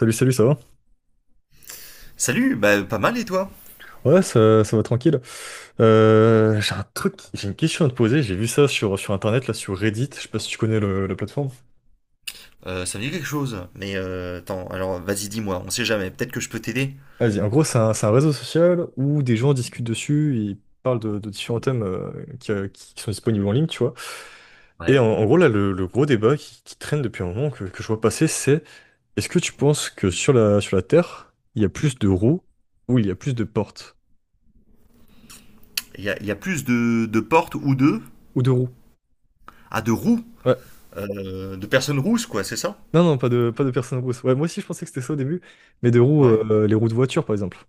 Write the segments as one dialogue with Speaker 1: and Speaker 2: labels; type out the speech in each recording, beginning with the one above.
Speaker 1: Salut, salut, ça va?
Speaker 2: Salut, bah pas mal et toi?
Speaker 1: Ouais, ça va tranquille. J'ai une question à te poser. J'ai vu ça sur Internet, là, sur Reddit. Je sais pas si tu connais la plateforme.
Speaker 2: Ça me dit quelque chose, mais attends, alors vas-y dis-moi, on sait jamais, peut-être que je peux t'aider.
Speaker 1: Vas-y, en gros, c'est un réseau social où des gens discutent dessus, ils parlent de différents thèmes qui sont disponibles en ligne, tu vois. Et
Speaker 2: Ouais.
Speaker 1: en gros, là, le gros débat qui traîne depuis un moment, que je vois passer, c'est est-ce que tu penses que sur la Terre, il y a plus de roues ou il y a plus de portes?
Speaker 2: Il y a plus de portes ou de...
Speaker 1: Ou de roues?
Speaker 2: Ah, de roues,
Speaker 1: Ouais.
Speaker 2: de personnes rousses quoi, c'est ça?
Speaker 1: Non, non, pas de personnes en rousse. Ouais, moi aussi, je pensais que c'était ça au début, mais de roues,
Speaker 2: Ouais.
Speaker 1: les roues de voiture, par exemple.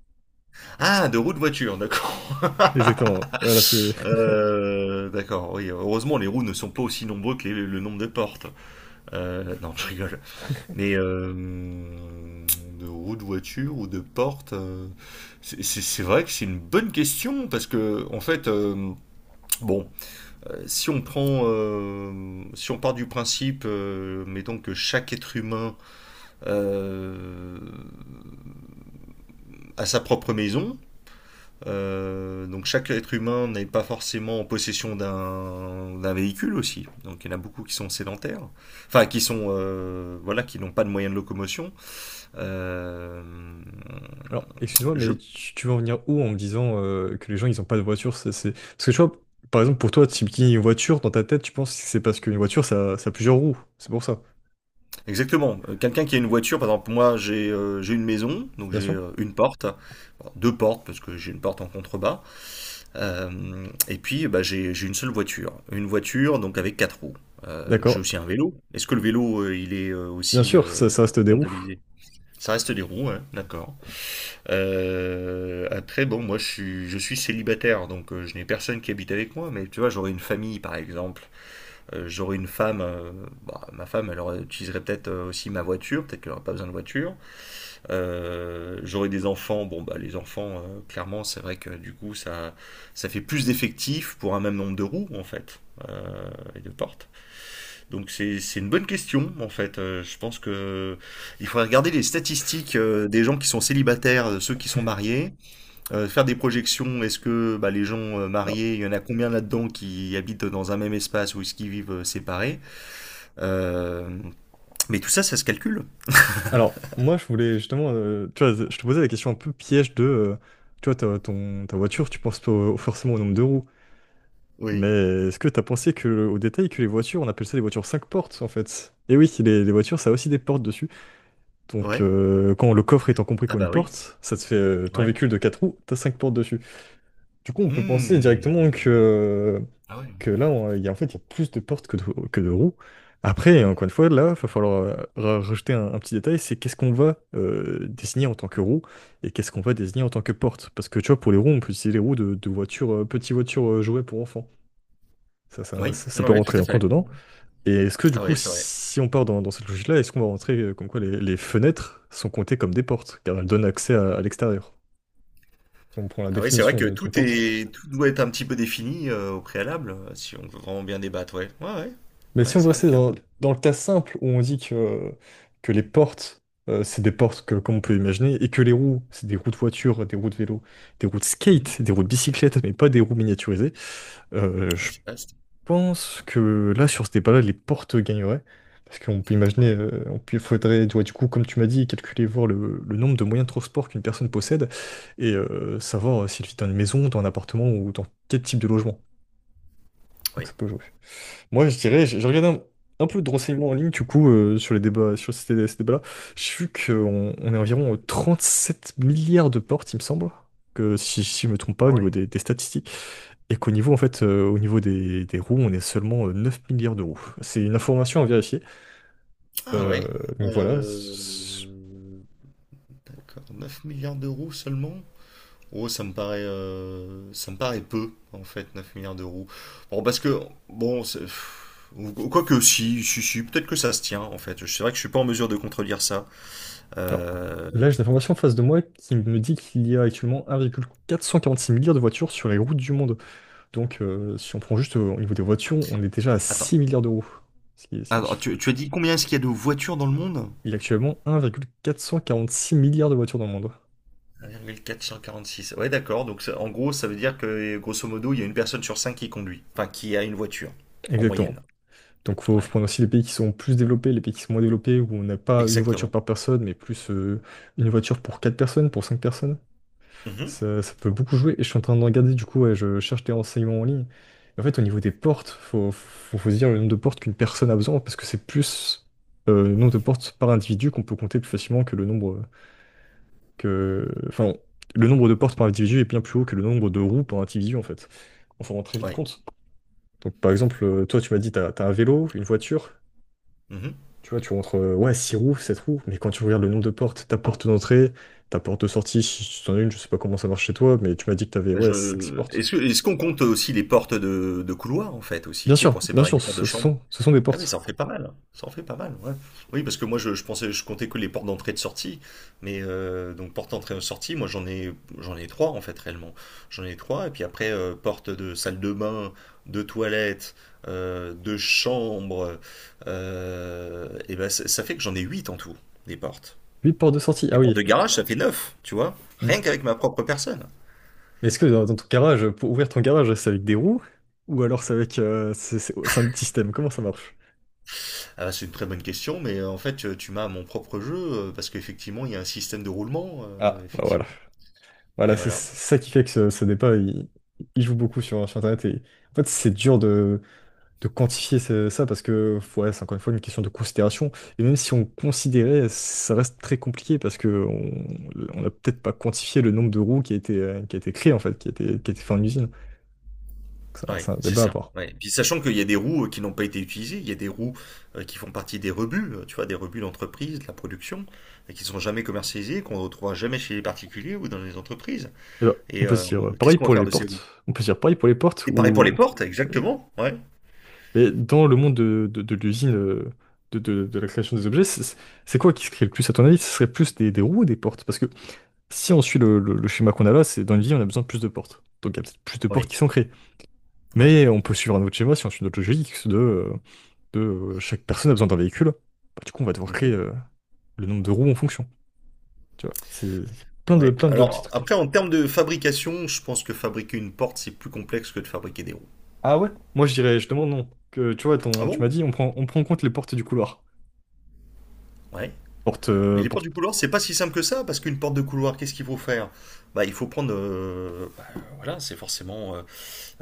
Speaker 2: Ah, de roues de voiture, d'accord.
Speaker 1: Exactement. Voilà, c'est.
Speaker 2: D'accord, oui, heureusement les roues ne sont pas aussi nombreux que le nombre de portes. Non, je rigole. Mais de roues de voiture ou de portes, c'est vrai que c'est une bonne question parce que en fait, bon. Si on part du principe, mettons que chaque être humain euh, a sa propre maison. Donc chaque être humain n'est pas forcément en possession d'un véhicule aussi. Donc il y en a beaucoup qui sont sédentaires, enfin qui sont voilà qui n'ont pas de moyens de locomotion. Euh,
Speaker 1: Alors, excuse-moi,
Speaker 2: je
Speaker 1: mais tu veux en venir où en me disant que les gens, ils ont pas de voiture? Parce que tu vois, par exemple, pour toi, si tu une voiture, dans ta tête, tu penses que c'est parce qu'une voiture, ça a plusieurs roues. C'est pour ça.
Speaker 2: Exactement. Quelqu'un qui a une voiture, par exemple moi j'ai une maison, donc
Speaker 1: Bien
Speaker 2: j'ai
Speaker 1: sûr.
Speaker 2: une porte. Bon, deux portes parce que j'ai une porte en contrebas. Et puis, bah, j'ai une seule voiture. Une voiture, donc avec quatre roues. J'ai
Speaker 1: D'accord.
Speaker 2: aussi un vélo. Est-ce que le vélo, il est
Speaker 1: Bien
Speaker 2: aussi
Speaker 1: sûr, ça, ça reste des roues.
Speaker 2: comptabilisé? Ça reste des roues, ouais, d'accord. Après, bon, moi, je suis célibataire, donc je n'ai personne qui habite avec moi, mais tu vois, j'aurais une famille, par exemple. J'aurais une femme, bah, ma femme, utiliserait peut-être aussi ma voiture, peut-être qu'elle n'aurait pas besoin de voiture. J'aurai des enfants. Bon, bah, les enfants, clairement, c'est vrai que du coup, ça fait plus d'effectifs pour un même nombre de roues, en fait, euh, et de portes. Donc, c'est une bonne question, en fait. Je pense que il faudrait regarder les statistiques des gens qui sont célibataires, de ceux qui sont mariés, faire des projections. Est-ce que bah, les gens
Speaker 1: Alors,
Speaker 2: mariés, il y en a combien là-dedans qui habitent dans un même espace ou est-ce qu'ils vivent séparés? Euh, mais tout ça, ça se calcule.
Speaker 1: alors, moi, je voulais justement. Tu vois, je te posais la question un peu piège de. Tu vois, ta voiture, tu penses pas forcément au nombre de roues.
Speaker 2: Oui.
Speaker 1: Mais est-ce que t'as pensé que, au détail que les voitures, on appelle ça des voitures 5 portes en fait? Et oui, les voitures, ça a aussi des portes dessus. Donc
Speaker 2: Ouais.
Speaker 1: quand le coffre étant compris
Speaker 2: Ah
Speaker 1: comme une
Speaker 2: bah oui.
Speaker 1: porte, ça te fait ton
Speaker 2: Ouais.
Speaker 1: véhicule de 4 roues, t'as 5 portes dessus. Du coup, on peut penser directement
Speaker 2: Mmh.
Speaker 1: que,
Speaker 2: Ah ouais.
Speaker 1: là, il y a, en fait, il y a plus de portes que de roues. Après, encore une fois, là, il va falloir rajouter un petit détail, c'est qu'est-ce qu'on va désigner en tant que roue et qu'est-ce qu'on va désigner en tant que porte. Parce que tu vois, pour les roues, on peut utiliser les roues de, voitures, petites voitures jouets pour enfants. Ça, ça,
Speaker 2: Oui,
Speaker 1: ça- ça
Speaker 2: oui,
Speaker 1: peut
Speaker 2: oui, tout
Speaker 1: rentrer
Speaker 2: à
Speaker 1: en compte
Speaker 2: fait.
Speaker 1: dedans. Et est-ce que du
Speaker 2: Ah
Speaker 1: coup,
Speaker 2: oui, c'est vrai.
Speaker 1: si on part dans, cette logique-là, est-ce qu'on va rentrer comme quoi les fenêtres sont comptées comme des portes, car elles donnent accès à, l'extérieur, si on prend la
Speaker 2: Ah oui, c'est vrai
Speaker 1: définition
Speaker 2: que
Speaker 1: d'une porte.
Speaker 2: tout doit être un petit peu défini au préalable, si on veut vraiment bien débattre, ouais. Ouais, ouais.
Speaker 1: Mais
Speaker 2: Ouais,
Speaker 1: si on veut
Speaker 2: c'est vrai
Speaker 1: rester
Speaker 2: que.
Speaker 1: dans, le cas simple où on dit que les portes, c'est des portes que, comme on peut imaginer, et que les roues, c'est des roues de voiture, des roues de vélo, des roues de
Speaker 2: Mhm.
Speaker 1: skate, des roues de bicyclette, mais pas des roues miniaturisées,
Speaker 2: Ah oui,
Speaker 1: je
Speaker 2: c'est vaste.
Speaker 1: pense que là, sur ce débat-là, les portes gagneraient. Parce qu'on peut imaginer,
Speaker 2: Ouais.
Speaker 1: faudrait, tu vois, du coup, comme tu m'as dit, calculer, voir le nombre de moyens de transport qu'une personne possède et savoir s'il vit dans une maison, dans un appartement ou dans quel type de logement. Donc
Speaker 2: Oui.
Speaker 1: ça peut jouer. Moi, je dirais, j'ai regardé un peu de renseignements en ligne, du coup, sur les débats, sur ces débats-là. J'ai vu qu'on on est environ 7 milliards de portes, il me semble, que si je me trompe pas, au
Speaker 2: Ah
Speaker 1: niveau
Speaker 2: ouais.
Speaker 1: des statistiques et qu'au niveau, en fait, au niveau des roues, on est seulement 9 milliards de roues. C'est une information à vérifier.
Speaker 2: Ah
Speaker 1: Euh,
Speaker 2: ouais.
Speaker 1: donc voilà.
Speaker 2: Euh, D'accord, 9 milliards d'euros seulement? Oh, ça me paraît peu, en fait, 9 milliards d'euros. Bon, parce que, bon, quoique si, si, si, peut-être que ça se tient, en fait. C'est vrai que je suis pas en mesure de contredire ça.
Speaker 1: Alors,
Speaker 2: Euh,
Speaker 1: là, j'ai l'information en face de moi qui me dit qu'il y a actuellement un virgule quatre cent quarante-six milliards de voitures sur les routes du monde. Donc, si on prend juste au niveau des voitures, on est déjà à
Speaker 2: Attends,
Speaker 1: 6 milliards de roues, ce qui est un
Speaker 2: alors,
Speaker 1: chiffre.
Speaker 2: tu as dit combien est-ce qu'il y a de voitures dans le monde?
Speaker 1: Il y a actuellement 1,446 milliards de voitures dans le monde.
Speaker 2: 1,446. Ouais, d'accord. Donc, en gros, ça veut dire que, grosso modo, il y a une personne sur cinq qui conduit. Enfin, qui a une voiture, en moyenne.
Speaker 1: Exactement. Donc, il faut,
Speaker 2: Ouais.
Speaker 1: faut prendre aussi les pays qui sont plus développés, les pays qui sont moins développés, où on n'a pas une voiture
Speaker 2: Exactement.
Speaker 1: par personne, mais plus une voiture pour 4 personnes, pour 5 personnes.
Speaker 2: Mhm.
Speaker 1: Ça peut beaucoup jouer. Et je suis en train de regarder, du coup, ouais, je cherche des renseignements en ligne. En fait, au niveau des portes, faut se dire le nombre de portes qu'une personne a besoin, parce que c'est plus le nombre de portes par individu qu'on peut compter plus facilement que le nombre que. Enfin, le nombre de portes par individu est bien plus haut que le nombre de roues par individu, en fait. Enfin, on s'en rend très vite
Speaker 2: Ouais.
Speaker 1: compte. Donc, par exemple, toi, tu m'as dit, t'as un vélo, une voiture.
Speaker 2: Mhm.
Speaker 1: Tu vois, tu rentres, ouais, 6 roues, 7 roues, mais quand tu regardes le nombre de portes, ta porte d'entrée, ta porte de sortie, si tu en as une, je sais pas comment ça marche chez toi, mais tu m'as dit que t'avais, ouais, 5-6 portes.
Speaker 2: Est-ce qu'on compte aussi les portes de couloir en fait aussi, tu sais, pour
Speaker 1: Bien
Speaker 2: séparer
Speaker 1: sûr,
Speaker 2: les portes de
Speaker 1: ce ce
Speaker 2: chambre?
Speaker 1: sont, ce sont des
Speaker 2: Ah oui, ça
Speaker 1: portes.
Speaker 2: en fait pas mal, hein. Ça en fait pas mal, ouais. Oui, parce que moi je pensais, je comptais que les portes d'entrée et de sortie, mais donc porte d'entrée et sortie, moi j'en ai trois en fait réellement. J'en ai trois et puis après porte de salle de bain, de toilette, de chambre, et ben ça fait que j'en ai huit en tout des portes.
Speaker 1: 8 portes de sortie,
Speaker 2: Les
Speaker 1: ah
Speaker 2: portes de
Speaker 1: oui.
Speaker 2: garage, ça fait neuf, tu vois, rien
Speaker 1: Mm.
Speaker 2: qu'avec ma propre personne.
Speaker 1: Mais est-ce que dans, ton garage, pour ouvrir ton garage, c'est avec des roues? Ou alors c'est avec, c'est un système, comment ça marche?
Speaker 2: Ah, bah, c'est une très bonne question, mais en fait, tu m'as à mon propre jeu, parce qu'effectivement, il y a un système de roulement,
Speaker 1: Ah, bah voilà.
Speaker 2: effectivement. Et
Speaker 1: Voilà, c'est
Speaker 2: voilà.
Speaker 1: ça qui fait que ce débat, il joue beaucoup sur Internet. Et, en fait, c'est dur de quantifier ça parce que ouais, c'est encore une fois une question de considération. Et même si on considérait, ça reste très compliqué parce que on n'a peut-être pas quantifié le nombre de roues qui a été créé en fait, qui a été fait en usine. Donc ça,
Speaker 2: Ouais,
Speaker 1: c'est un
Speaker 2: c'est
Speaker 1: débat à
Speaker 2: ça.
Speaker 1: part.
Speaker 2: Ouais. Puis sachant qu'il y a des roues qui n'ont pas été utilisées, il y a des roues qui font partie des rebuts, tu vois, des rebuts d'entreprise, de la production, et qui ne sont jamais commercialisées, qu'on ne retrouvera jamais chez les particuliers ou dans les entreprises.
Speaker 1: Et ben, on
Speaker 2: Et
Speaker 1: peut se dire
Speaker 2: qu'est-ce
Speaker 1: pareil
Speaker 2: qu'on va
Speaker 1: pour
Speaker 2: faire
Speaker 1: les
Speaker 2: de ces roues?
Speaker 1: portes. On peut se dire pareil pour les portes
Speaker 2: Et pareil pour
Speaker 1: ou
Speaker 2: les portes, exactement. Ouais,
Speaker 1: mais dans le monde de, de l'usine, de, de la création des objets, c'est quoi qui se crée le plus à ton avis? Ce serait plus des roues ou des portes? Parce que si on suit le, le schéma qu'on a là, c'est dans une vie, on a besoin de plus de portes. Donc il y a peut-être plus de portes
Speaker 2: oui,
Speaker 1: qui sont créées.
Speaker 2: ouais.
Speaker 1: Mais on peut suivre un autre schéma, si on suit notre logique, de chaque personne a besoin d'un véhicule. Bah, du coup, on va devoir créer
Speaker 2: Mhm.
Speaker 1: le nombre de roues en fonction. Tu vois, c'est plein de,
Speaker 2: Ouais.
Speaker 1: plein de petits
Speaker 2: Alors,
Speaker 1: trucs.
Speaker 2: après, en termes de fabrication, je pense que fabriquer une porte, c'est plus complexe que de fabriquer des roues.
Speaker 1: Ah ouais? Moi, je dirais, je demande non. Que, tu vois,
Speaker 2: Ah
Speaker 1: tu m'as
Speaker 2: bon?
Speaker 1: dit, on prend en compte les portes du couloir.
Speaker 2: Ouais.
Speaker 1: Porte,
Speaker 2: Mais
Speaker 1: euh,
Speaker 2: les portes
Speaker 1: porte,
Speaker 2: du couloir, c'est pas si simple que ça, parce qu'une porte de couloir, qu'est-ce qu'il faut faire? Bah, il faut prendre, bah, voilà, c'est forcément,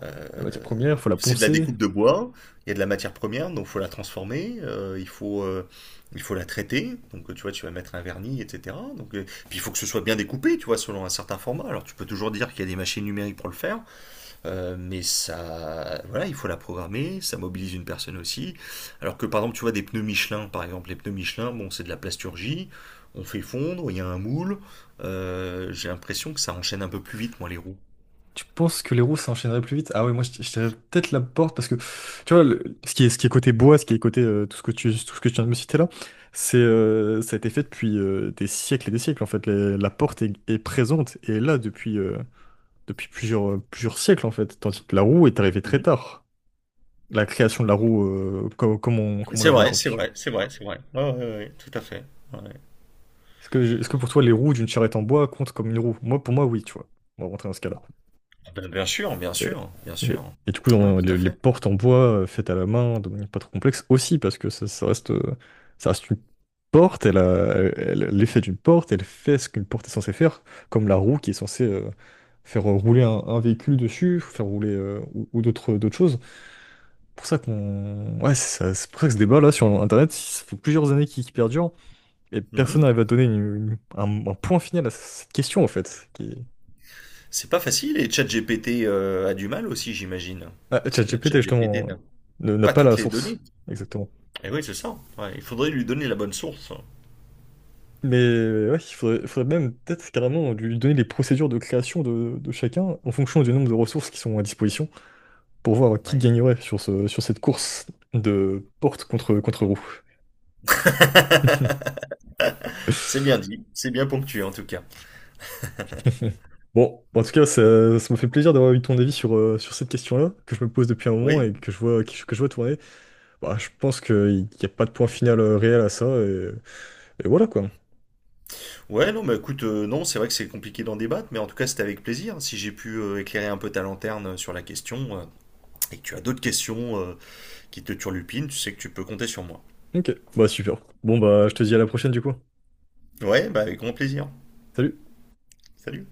Speaker 2: euh,
Speaker 1: la matière première, faut la
Speaker 2: c'est de la
Speaker 1: poncer,
Speaker 2: découpe de bois, il y a de la matière première, donc il faut la transformer, il faut la traiter, donc tu vois, tu vas mettre un vernis, etc. Donc, puis il faut que ce soit bien découpé, tu vois, selon un certain format. Alors tu peux toujours dire qu'il y a des machines numériques pour le faire, mais ça, voilà, il faut la programmer, ça mobilise une personne aussi. Alors que par exemple, tu vois des pneus Michelin, par exemple, les pneus Michelin, bon, c'est de la plasturgie, on fait fondre, il y a un moule. J'ai l'impression que ça enchaîne un peu plus vite, moi, les roues.
Speaker 1: Tu penses que les roues s'enchaîneraient plus vite? Ah ouais, moi je dirais peut-être la porte parce que tu vois, ce qui est côté bois, ce qui est côté tout ce que tu viens de me citer là, c'est ça a été fait depuis des siècles et des siècles en fait. La porte est présente et est là depuis plusieurs siècles en fait, tandis que la roue est arrivée très
Speaker 2: Mhm.
Speaker 1: tard. La création de la roue comme on
Speaker 2: C'est
Speaker 1: la voit
Speaker 2: vrai, c'est
Speaker 1: aujourd'hui.
Speaker 2: vrai, c'est vrai, c'est vrai. Ouais, ouais, ouais, ouais, tout à fait. Ouais.
Speaker 1: Est-ce que pour toi les roues d'une charrette en bois comptent comme une roue? Moi, pour moi, oui, tu vois. On va rentrer dans ce cas-là.
Speaker 2: Ah ben, bien sûr, bien
Speaker 1: Et,
Speaker 2: sûr, bien
Speaker 1: et-
Speaker 2: sûr.
Speaker 1: et du coup,
Speaker 2: Ouais, tout à
Speaker 1: les
Speaker 2: fait.
Speaker 1: portes en bois faites à la main, de manière pas trop complexe, aussi, parce que ça reste, ça reste une porte, elle a, elle- elle- l'effet d'une porte, elle fait ce qu'une porte est censée faire, comme la roue qui est censée faire rouler un véhicule dessus, faire rouler ou, d'autres choses. C'est pour ça qu'on... Ouais, c'est pour ça que ce débat-là sur Internet, ça fait plusieurs années qu'il perdure, et
Speaker 2: Mhm.
Speaker 1: personne n'arrive à donner un point final à cette question, en fait.
Speaker 2: C'est pas facile et ChatGPT a du mal aussi, j'imagine.
Speaker 1: Ah,
Speaker 2: Parce que
Speaker 1: ChatGPT,
Speaker 2: ChatGPT
Speaker 1: justement,
Speaker 2: n'a
Speaker 1: n'a
Speaker 2: pas
Speaker 1: pas
Speaker 2: toutes
Speaker 1: la
Speaker 2: les données.
Speaker 1: source. Exactement.
Speaker 2: Et oui, c'est ça. Ouais, il faudrait lui donner la bonne source.
Speaker 1: Mais ouais, il faudrait même peut-être carrément lui donner les procédures de création de chacun en fonction du nombre de ressources qui sont à disposition pour voir qui
Speaker 2: Ouais.
Speaker 1: gagnerait sur sur cette course de porte contre roue.
Speaker 2: C'est bien dit, c'est bien ponctué en tout cas.
Speaker 1: Bon, en tout cas, ça me fait plaisir d'avoir eu ton avis sur cette question-là, que je me pose depuis un moment et
Speaker 2: Oui,
Speaker 1: que je vois tourner. Bah, je pense qu'il n'y a pas de point final réel à ça et voilà quoi.
Speaker 2: ouais, non, mais écoute, non, c'est vrai que c'est compliqué d'en débattre, mais en tout cas, c'était avec plaisir. Hein. Si j'ai pu éclairer un peu ta lanterne sur la question, et que tu as d'autres questions qui te turlupinent, tu sais que tu peux compter sur moi.
Speaker 1: Ok, bah super. Bon, bah je te dis à la prochaine du coup.
Speaker 2: Ouais, bah avec grand plaisir.
Speaker 1: Salut.
Speaker 2: Salut.